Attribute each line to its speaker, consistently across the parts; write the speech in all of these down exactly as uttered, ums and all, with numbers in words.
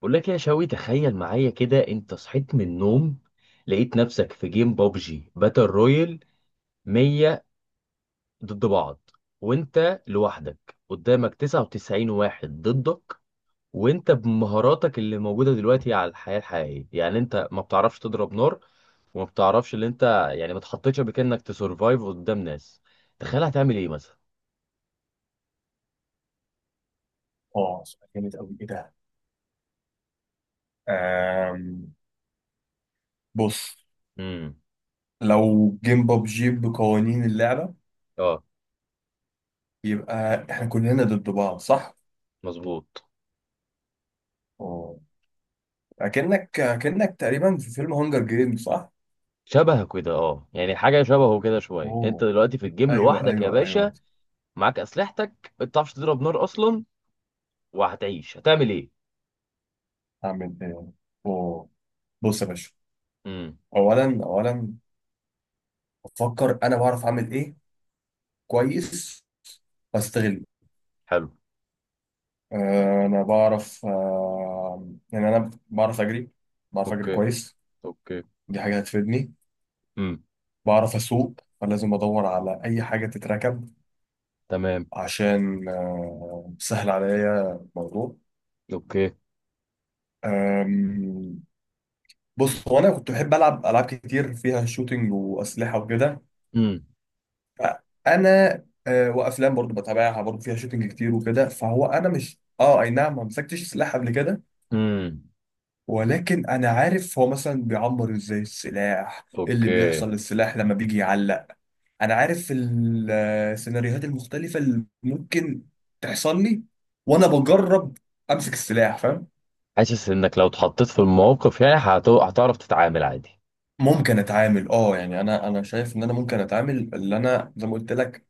Speaker 1: بقول لك يا شوي، تخيل معايا كده انت صحيت من النوم، لقيت نفسك في جيم بابجي باتل رويال. مية ضد بعض. وانت لوحدك قدامك تسعة وتسعين واحد ضدك. وانت بمهاراتك اللي موجودة دلوقتي على الحياة الحقيقية، يعني انت ما بتعرفش تضرب نار، وما بتعرفش اللي انت، يعني ما اتحطيتش قبل كده انك تسرفايف قدام ناس. تخيل هتعمل ايه مثلا؟
Speaker 2: اه، سؤال جامد قوي. ايه ده؟ آم، بص،
Speaker 1: امم.
Speaker 2: لو جيم ببجي بقوانين اللعبة
Speaker 1: اه،
Speaker 2: يبقى احنا كلنا ضد بعض، صح؟
Speaker 1: مظبوط.
Speaker 2: اه، اكنك اكنك تقريبا في فيلم هانجر جيم، صح؟
Speaker 1: شبهك كده، اه يعني حاجة شبهه كده شوية. انت
Speaker 2: اوه،
Speaker 1: دلوقتي في الجيم
Speaker 2: ايوه
Speaker 1: لوحدك يا
Speaker 2: ايوه
Speaker 1: باشا،
Speaker 2: ايوه.
Speaker 1: معاك اسلحتك، ما بتعرفش تضرب نار اصلا، وهتعيش هتعمل ايه؟
Speaker 2: اعمل ايه؟ اوه، بص يا باشا.
Speaker 1: امم.
Speaker 2: اولا اولا، بفكر انا بعرف اعمل ايه كويس واستغله.
Speaker 1: حلو.
Speaker 2: آه، انا بعرف، آه، يعني انا بعرف اجري، بعرف اجري
Speaker 1: اوكي.
Speaker 2: كويس.
Speaker 1: اوكي.
Speaker 2: دي حاجه هتفيدني.
Speaker 1: امم.
Speaker 2: بعرف أسوق، فلازم أدور على أي حاجة تتركب
Speaker 1: تمام.
Speaker 2: عشان آه، سهل عليا الموضوع.
Speaker 1: اوكي.
Speaker 2: آم، بص، هو أنا كنت بحب ألعب ألعاب كتير فيها شوتينج وأسلحة وكده.
Speaker 1: امم.
Speaker 2: أنا آه، وأفلام برضو بتابعها، برضو فيها شوتينج كتير وكده. فهو أنا مش أه أي نعم، ما مسكتش سلاح قبل كده،
Speaker 1: امم.
Speaker 2: ولكن أنا عارف هو مثلا بيعمر إزاي السلاح، إيه اللي
Speaker 1: اوكي.
Speaker 2: بيحصل للسلاح لما بيجي يعلق. انا عارف ال- السيناريوهات المختلفه اللي ممكن تحصل لي، وانا بجرب امسك السلاح، فاهم.
Speaker 1: حاسس انك لو اتحطيت في الموقف، يعني هت- هتعرف تتعامل عادي.
Speaker 2: ممكن اتعامل اه، يعني انا انا شايف ان انا ممكن اتعامل. اللي انا زي ما قلت لك،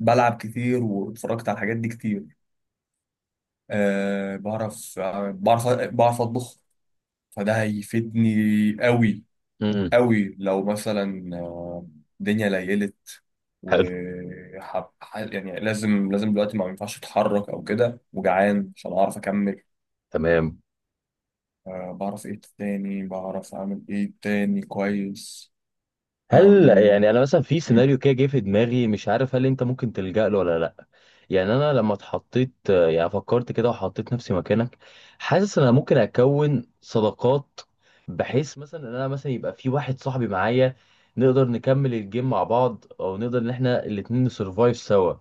Speaker 2: بلعب كتير واتفرجت على الحاجات دي كتير. أه بعرف، آه، بعرف بعرف اطبخ، فده هيفيدني قوي
Speaker 1: امم.
Speaker 2: قوي لو مثلا آه، الدنيا ليلت و،
Speaker 1: حلو.
Speaker 2: يعني لازم لازم دلوقتي، ما ينفعش اتحرك او كده وجعان عشان اعرف اكمل.
Speaker 1: تمام.
Speaker 2: أه بعرف ايه تاني، بعرف اعمل ايه تاني كويس.
Speaker 1: هل
Speaker 2: أم...
Speaker 1: يعني انا مثلا في
Speaker 2: مم.
Speaker 1: سيناريو كده جه في دماغي، مش عارف هل انت ممكن تلجأ له ولا لا. يعني انا لما اتحطيت، يعني فكرت كده وحطيت نفسي مكانك، حاسس ان انا ممكن اكون صداقات، بحيث مثلا ان انا مثلا يبقى في واحد صاحبي معايا، نقدر نكمل الجيم مع بعض او نقدر ان احنا الاتنين نسرفايف سوا.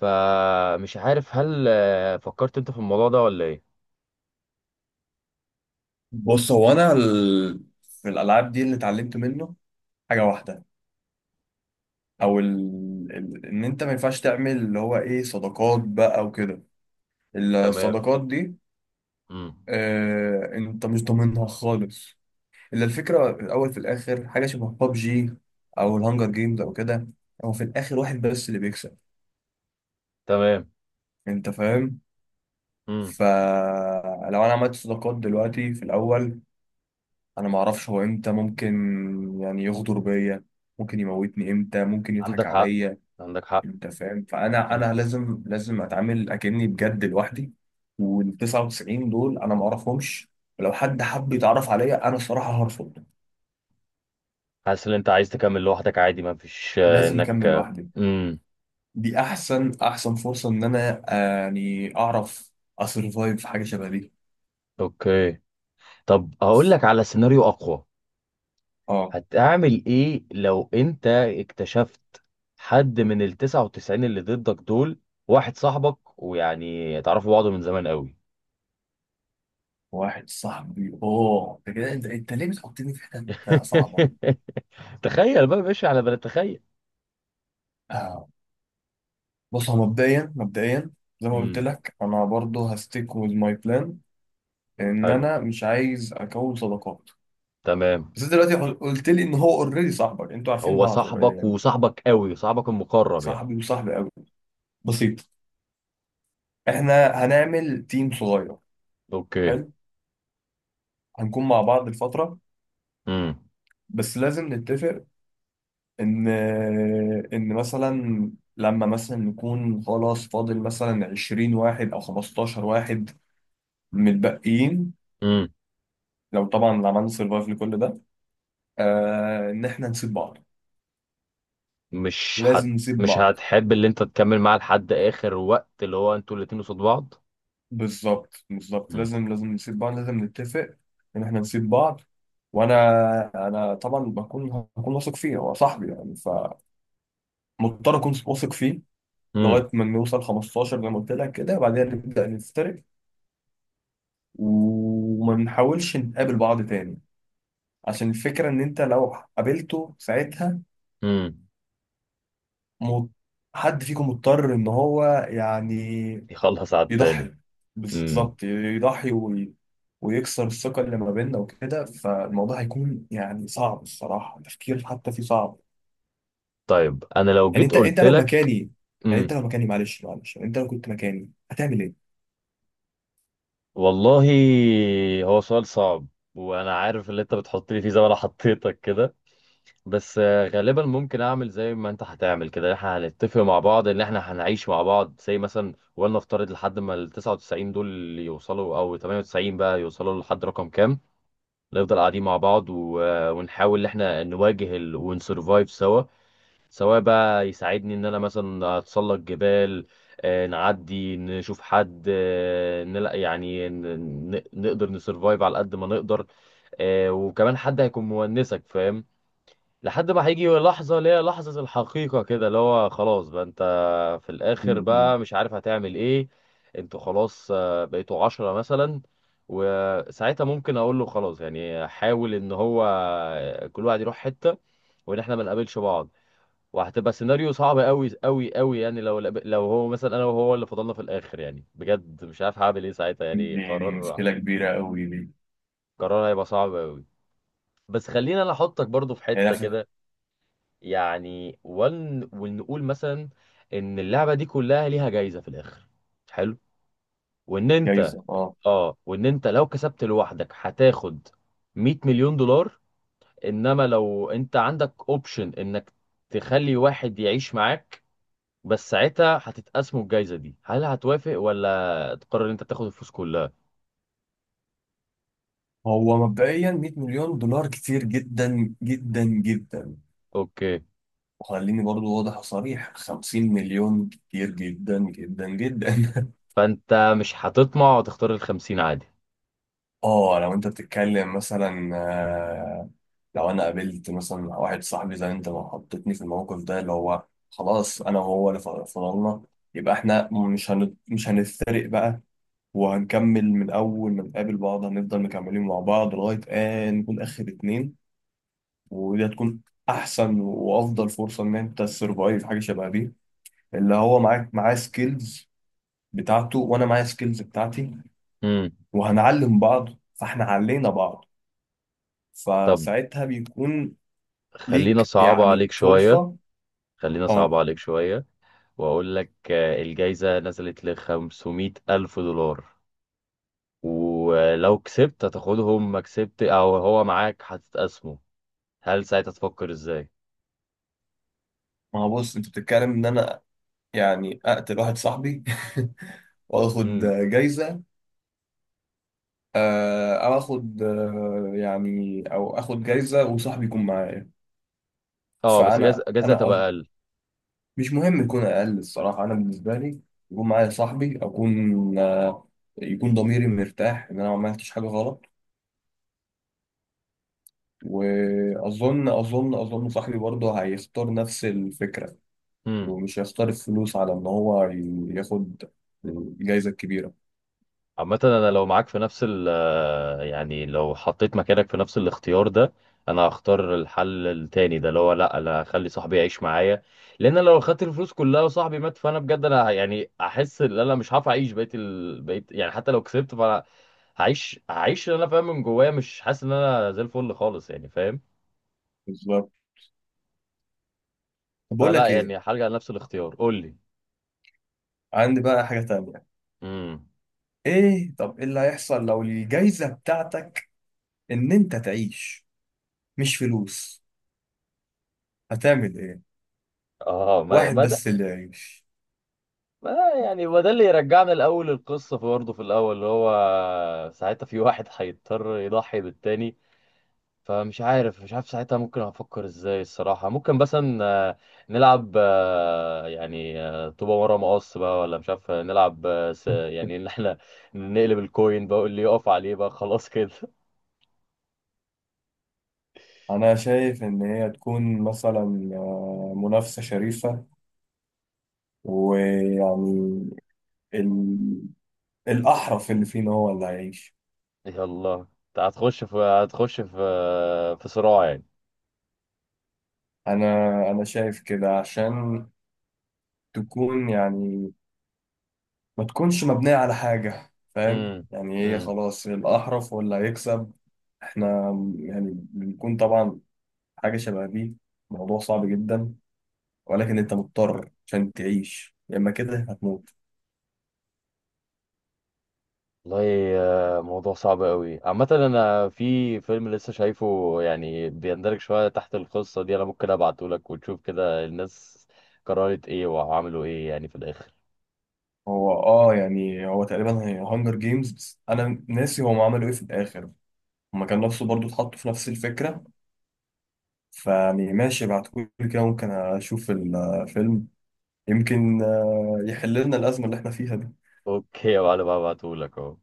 Speaker 1: فمش عارف هل آه، فكرت انت في الموضوع ده ولا ايه؟
Speaker 2: بص، هو انا ال... في الالعاب دي اللي اتعلمت منه حاجه واحده، او ال... ال... ان انت ما ينفعش تعمل اللي هو ايه، صداقات بقى وكده.
Speaker 1: تمام.
Speaker 2: الصداقات دي
Speaker 1: امم.
Speaker 2: أه... انت مش ضامنها خالص. الا الفكره في الاول في الاخر حاجه شبه ببجي او الهانجر جيمز او كده، هو في الاخر واحد بس اللي بيكسب،
Speaker 1: تمام.
Speaker 2: انت فاهم.
Speaker 1: امم.
Speaker 2: فلو انا عملت صداقات دلوقتي في الاول، انا ما اعرفش هو امتى ممكن، يعني، يغدر بيا، ممكن يموتني امتى، ممكن يضحك
Speaker 1: عندك حق.
Speaker 2: عليا،
Speaker 1: عندك حق.
Speaker 2: انت فاهم. فانا انا لازم لازم اتعامل اكني بجد لوحدي. وال تسعة وتسعين دول انا ما اعرفهمش، ولو حد حب يتعرف عليا انا الصراحه هرفض.
Speaker 1: حاسس ان انت عايز تكمل لوحدك عادي، ما فيش آه،
Speaker 2: لازم
Speaker 1: انك
Speaker 2: اكمل
Speaker 1: آه،
Speaker 2: لوحدي.
Speaker 1: امم.
Speaker 2: دي احسن احسن فرصه ان انا آه، يعني اعرف اسرفايف في حاجه شبه دي.
Speaker 1: اوكي. طب هقول لك على سيناريو اقوى.
Speaker 2: اه.
Speaker 1: هتعمل ايه لو انت اكتشفت حد من ال تسعة وتسعين اللي ضدك دول واحد صاحبك، ويعني تعرفوا بعض من زمان قوي.
Speaker 2: واحد صاحبي؟ اوه، انت كده، انت انت ليه بتحطني في حته صعبه؟
Speaker 1: تخيل بقى ماشي على بلد، تخيل.
Speaker 2: آه. بص، هو مبدئيا مبدئيا زي ما قلت
Speaker 1: امم.
Speaker 2: لك، انا برضه هستيك ويز ماي بلان، ان
Speaker 1: حلو.
Speaker 2: انا مش عايز اكون صداقات.
Speaker 1: تمام.
Speaker 2: بس انت دلوقتي قل- قلت لي ان هو اوريدي صاحبك، انتوا عارفين
Speaker 1: هو
Speaker 2: بعض اوريدي
Speaker 1: صاحبك
Speaker 2: يعني.
Speaker 1: وصاحبك قوي، صاحبك المقرب يعني.
Speaker 2: صاحبي وصاحبي قوي؟ بسيط. احنا هنعمل تيم صغير.
Speaker 1: اوكي.
Speaker 2: حلو، هنكون مع بعض الفترة، بس لازم نتفق ان، ان مثلا لما مثلا نكون خلاص فاضل مثلا عشرين واحد او خمستاشر واحد متبقيين،
Speaker 1: امم.
Speaker 2: لو طبعا عملنا سرفايف لكل ده، آه، ان احنا نسيب بعض.
Speaker 1: مش
Speaker 2: لازم
Speaker 1: هت
Speaker 2: نسيب
Speaker 1: مش
Speaker 2: بعض.
Speaker 1: هتحب اللي انت تكمل معاه لحد اخر وقت اللي هو انتوا الاتنين قصاد بعض.
Speaker 2: بالظبط بالظبط،
Speaker 1: مم.
Speaker 2: لازم لازم نسيب بعض، لازم نتفق ان احنا نسيب بعض. وانا انا طبعا بكون، هكون واثق فيه، هو صاحبي يعني، فمضطر اكون واثق فيه
Speaker 1: مم.
Speaker 2: لغايه ما نوصل خمسة عشر زي ما قلت لك، كده بعدين نبدا نفترق وما نحاولش نقابل بعض تاني. عشان الفكره ان انت لو قابلته ساعتها،
Speaker 1: مم.
Speaker 2: م- حد فيكم مضطر ان هو يعني
Speaker 1: يخلص على التاني.
Speaker 2: يضحي.
Speaker 1: مم.
Speaker 2: بالظبط، يضحي وي... ويكسر الثقة اللي ما بيننا وكده، فالموضوع هيكون يعني صعب الصراحة، تفكير حتى فيه صعب.
Speaker 1: طيب انا لو
Speaker 2: يعني
Speaker 1: جيت
Speaker 2: انت انت
Speaker 1: قلت
Speaker 2: لو
Speaker 1: لك.
Speaker 2: مكاني، يعني انت
Speaker 1: مم.
Speaker 2: لو مكاني، معلش معلش، يعني انت لو كنت مكاني هتعمل ايه؟
Speaker 1: والله، هو سؤال صعب، وانا عارف اللي انت بتحط لي فيه زي ما انا حطيتك كده. بس آه، غالبا ممكن اعمل زي ما انت هتعمل كده. احنا هنتفق مع بعض ان احنا هنعيش مع بعض زي مثلا، ولنفترض لحد ما ال تسعة وتسعين دول يوصلوا او تمنية وتسعين بقى يوصلوا لحد رقم كام، نفضل قاعدين مع بعض و... ونحاول ان احنا نواجه ال... ونسرفايف سوا، سواء بقى يساعدني ان انا مثلا اتسلق جبال، آه، نعدي نشوف حد، آه، نلا يعني ن... ن- نقدر نسرفايف على قد ما نقدر. آه، وكمان حد هيكون مونسك، فاهم؟ لحد ما هيجي لحظة اللي هي لحظة الحقيقة كده، اللي هو خلاص بقى انت في الآخر
Speaker 2: مم.
Speaker 1: بقى مش عارف هتعمل ايه. انتوا خلاص آه، بقيتوا عشرة مثلا، وساعتها ممكن اقول له خلاص، يعني حاول ان هو آه، كل واحد يروح حتة، وان احنا ما نقابلش بعض. وهتبقى سيناريو صعب قوي قوي قوي. يعني لو لو هو مثلا انا وهو اللي فضلنا في الآخر، يعني بجد مش عارف هعمل ايه ساعتها. يعني
Speaker 2: دي دي
Speaker 1: قرار
Speaker 2: مشكلة كبيرة قوي دي،
Speaker 1: قرار هيبقى صعب قوي. بس خليني انا احطك برضو في
Speaker 2: يعني
Speaker 1: حتة
Speaker 2: نفس.
Speaker 1: كده، يعني ون... ونقول مثلا ان اللعبه دي كلها ليها جايزه في الاخر. حلو. وان انت،
Speaker 2: جايزة؟ اه.
Speaker 1: اه، وان انت لو كسبت لوحدك هتاخد مية مليون دولار، انما لو انت عندك اوبشن انك تخلي واحد يعيش معاك بس ساعتها هتتقسموا الجايزه دي، هل هتوافق ولا تقرر ان انت تاخد الفلوس كلها؟
Speaker 2: هو مبدئيا 100 مليون دولار كتير جدا جدا جدا.
Speaker 1: اوكي.
Speaker 2: وخليني برضو واضح وصريح، 50 مليون كتير جدا جدا جدا.
Speaker 1: فانت مش هتطمع وتختار الخمسين عادي؟
Speaker 2: اه، لو انت بتتكلم مثلا آه، لو انا قابلت مثلا واحد صاحبي زي انت ما حطيتني في الموقف ده، اللي هو خلاص انا وهو اللي ف- فضلنا، يبقى احنا مش هن... مش هنفترق بقى. وهنكمل من اول ما نقابل بعض، هنفضل مكملين مع بعض لغايه ان نكون اخر اتنين. ودي هتكون احسن وافضل فرصه ان انت تسرفايف حاجه شبه دي، اللي هو معاك معاه سكيلز بتاعته وانا معايا سكيلز بتاعتي،
Speaker 1: امم.
Speaker 2: وهنعلم بعض. فاحنا علينا بعض،
Speaker 1: طب
Speaker 2: فساعتها بيكون
Speaker 1: خلينا
Speaker 2: ليك
Speaker 1: صعبة
Speaker 2: يعني
Speaker 1: عليك شوية.
Speaker 2: فرصة.
Speaker 1: خلينا
Speaker 2: اه.
Speaker 1: صعبة عليك شوية، واقول لك آه، الجايزة نزلت ل خمسمية ألف دولار، ولو كسبت هتاخدهم ما كسبت، او هو معاك هتتقسموا، هل ساعتها تفكر ازاي؟
Speaker 2: ما هو بص انت بتتكلم ان انا يعني اقتل واحد صاحبي واخد
Speaker 1: امم.
Speaker 2: جايزة، آه، او اخد آه، يعني او اخد جايزة وصاحبي يكون معايا.
Speaker 1: اه، بس جايزة
Speaker 2: فانا
Speaker 1: جايزة
Speaker 2: انا
Speaker 1: تبقى
Speaker 2: قصد-
Speaker 1: اقل.
Speaker 2: مش مهم يكون اقل الصراحة. انا بالنسبة لي يكون معايا صاحبي، اكون آه، يكون ضميري مرتاح ان انا ما عملتش حاجة غلط. واظن اظن اظن صاحبي برضه هيختار نفس الفكرة،
Speaker 1: امم.
Speaker 2: ومش هيختار الفلوس على ان هو ي- ياخد الجايزه الكبيره.
Speaker 1: عامة أنا لو معاك في نفس ال آه، يعني لو حطيت مكانك في نفس الاختيار ده، أنا هختار الحل التاني ده، اللي هو لأ، أنا هخلي صاحبي يعيش معايا. لأن أنا لو خدت الفلوس كلها وصاحبي مات، فأنا بجد، أنا يعني أحس إن أنا مش هعرف أعيش بقيت ال... بقيت يعني حتى لو كسبت فأنا هعيش هعيش اللي أنا فاهم من جوايا مش حاسس إن أنا زي الفل خالص، يعني فاهم.
Speaker 2: بالظبط. طب بقول
Speaker 1: فلا
Speaker 2: لك ايه،
Speaker 1: يعني هرجع لنفس الاختيار، قول لي.
Speaker 2: عندي بقى حاجه تانية.
Speaker 1: امم.
Speaker 2: ايه، طب ايه اللي هيحصل لو الجايزه بتاعتك ان انت تعيش، مش فلوس؟ هتعمل ايه؟
Speaker 1: اه، ما
Speaker 2: واحد
Speaker 1: ما ده
Speaker 2: بس اللي يعيش.
Speaker 1: ما يعني هو ده اللي يرجعنا الاول للقصه، في برضه في الاول اللي هو ساعتها في واحد هيضطر يضحي بالتاني. فمش عارف مش عارف ساعتها ممكن افكر ازاي الصراحه. ممكن مثلا آه، نلعب آه، يعني آه، طوبه ورا مقص بقى، ولا مش عارف آه، نلعب آه، س- يعني ان احنا نقلب الكوين بقى اللي يقف عليه بقى خلاص كده.
Speaker 2: انا شايف ان هي تكون مثلا آه، منافسه شريفه. ويعني ال... الاحرف اللي فينا هو اللي هيعيش.
Speaker 1: يلا انت هتخش في هتخش في آه، في صراع يعني.
Speaker 2: انا انا شايف كده، عشان تكون يعني ما تكونش مبنية على حاجة، فاهم.
Speaker 1: امم.
Speaker 2: يعني هي
Speaker 1: امم.
Speaker 2: خلاص الأحرف ولا هيكسب. احنا يعني بنكون طبعا حاجة شبه دي، موضوع صعب جدا، ولكن انت مضطر عشان تعيش، يا اما كده هتموت.
Speaker 1: والله آه، موضوع صعب قوي. عامة انا في فيلم لسه شايفه يعني بيندرج شوية تحت القصة دي، انا ممكن ابعته لك وتشوف كده الناس قررت ايه وعملوا ايه يعني في الاخر.
Speaker 2: هو اه يعني هو تقريبا هي هانجر جيمز، بس انا ناسي هم عملوا ايه في الاخر. هما كان نفسه برضو، اتحطوا في نفس الفكرة. فيعني ماشي، بعتقولي كده ممكن اشوف الفيلم، يمكن آه، يحل لنا الأزمة اللي احنا فيها دي.
Speaker 1: اوكي يا معلم، هبعته لك اهو.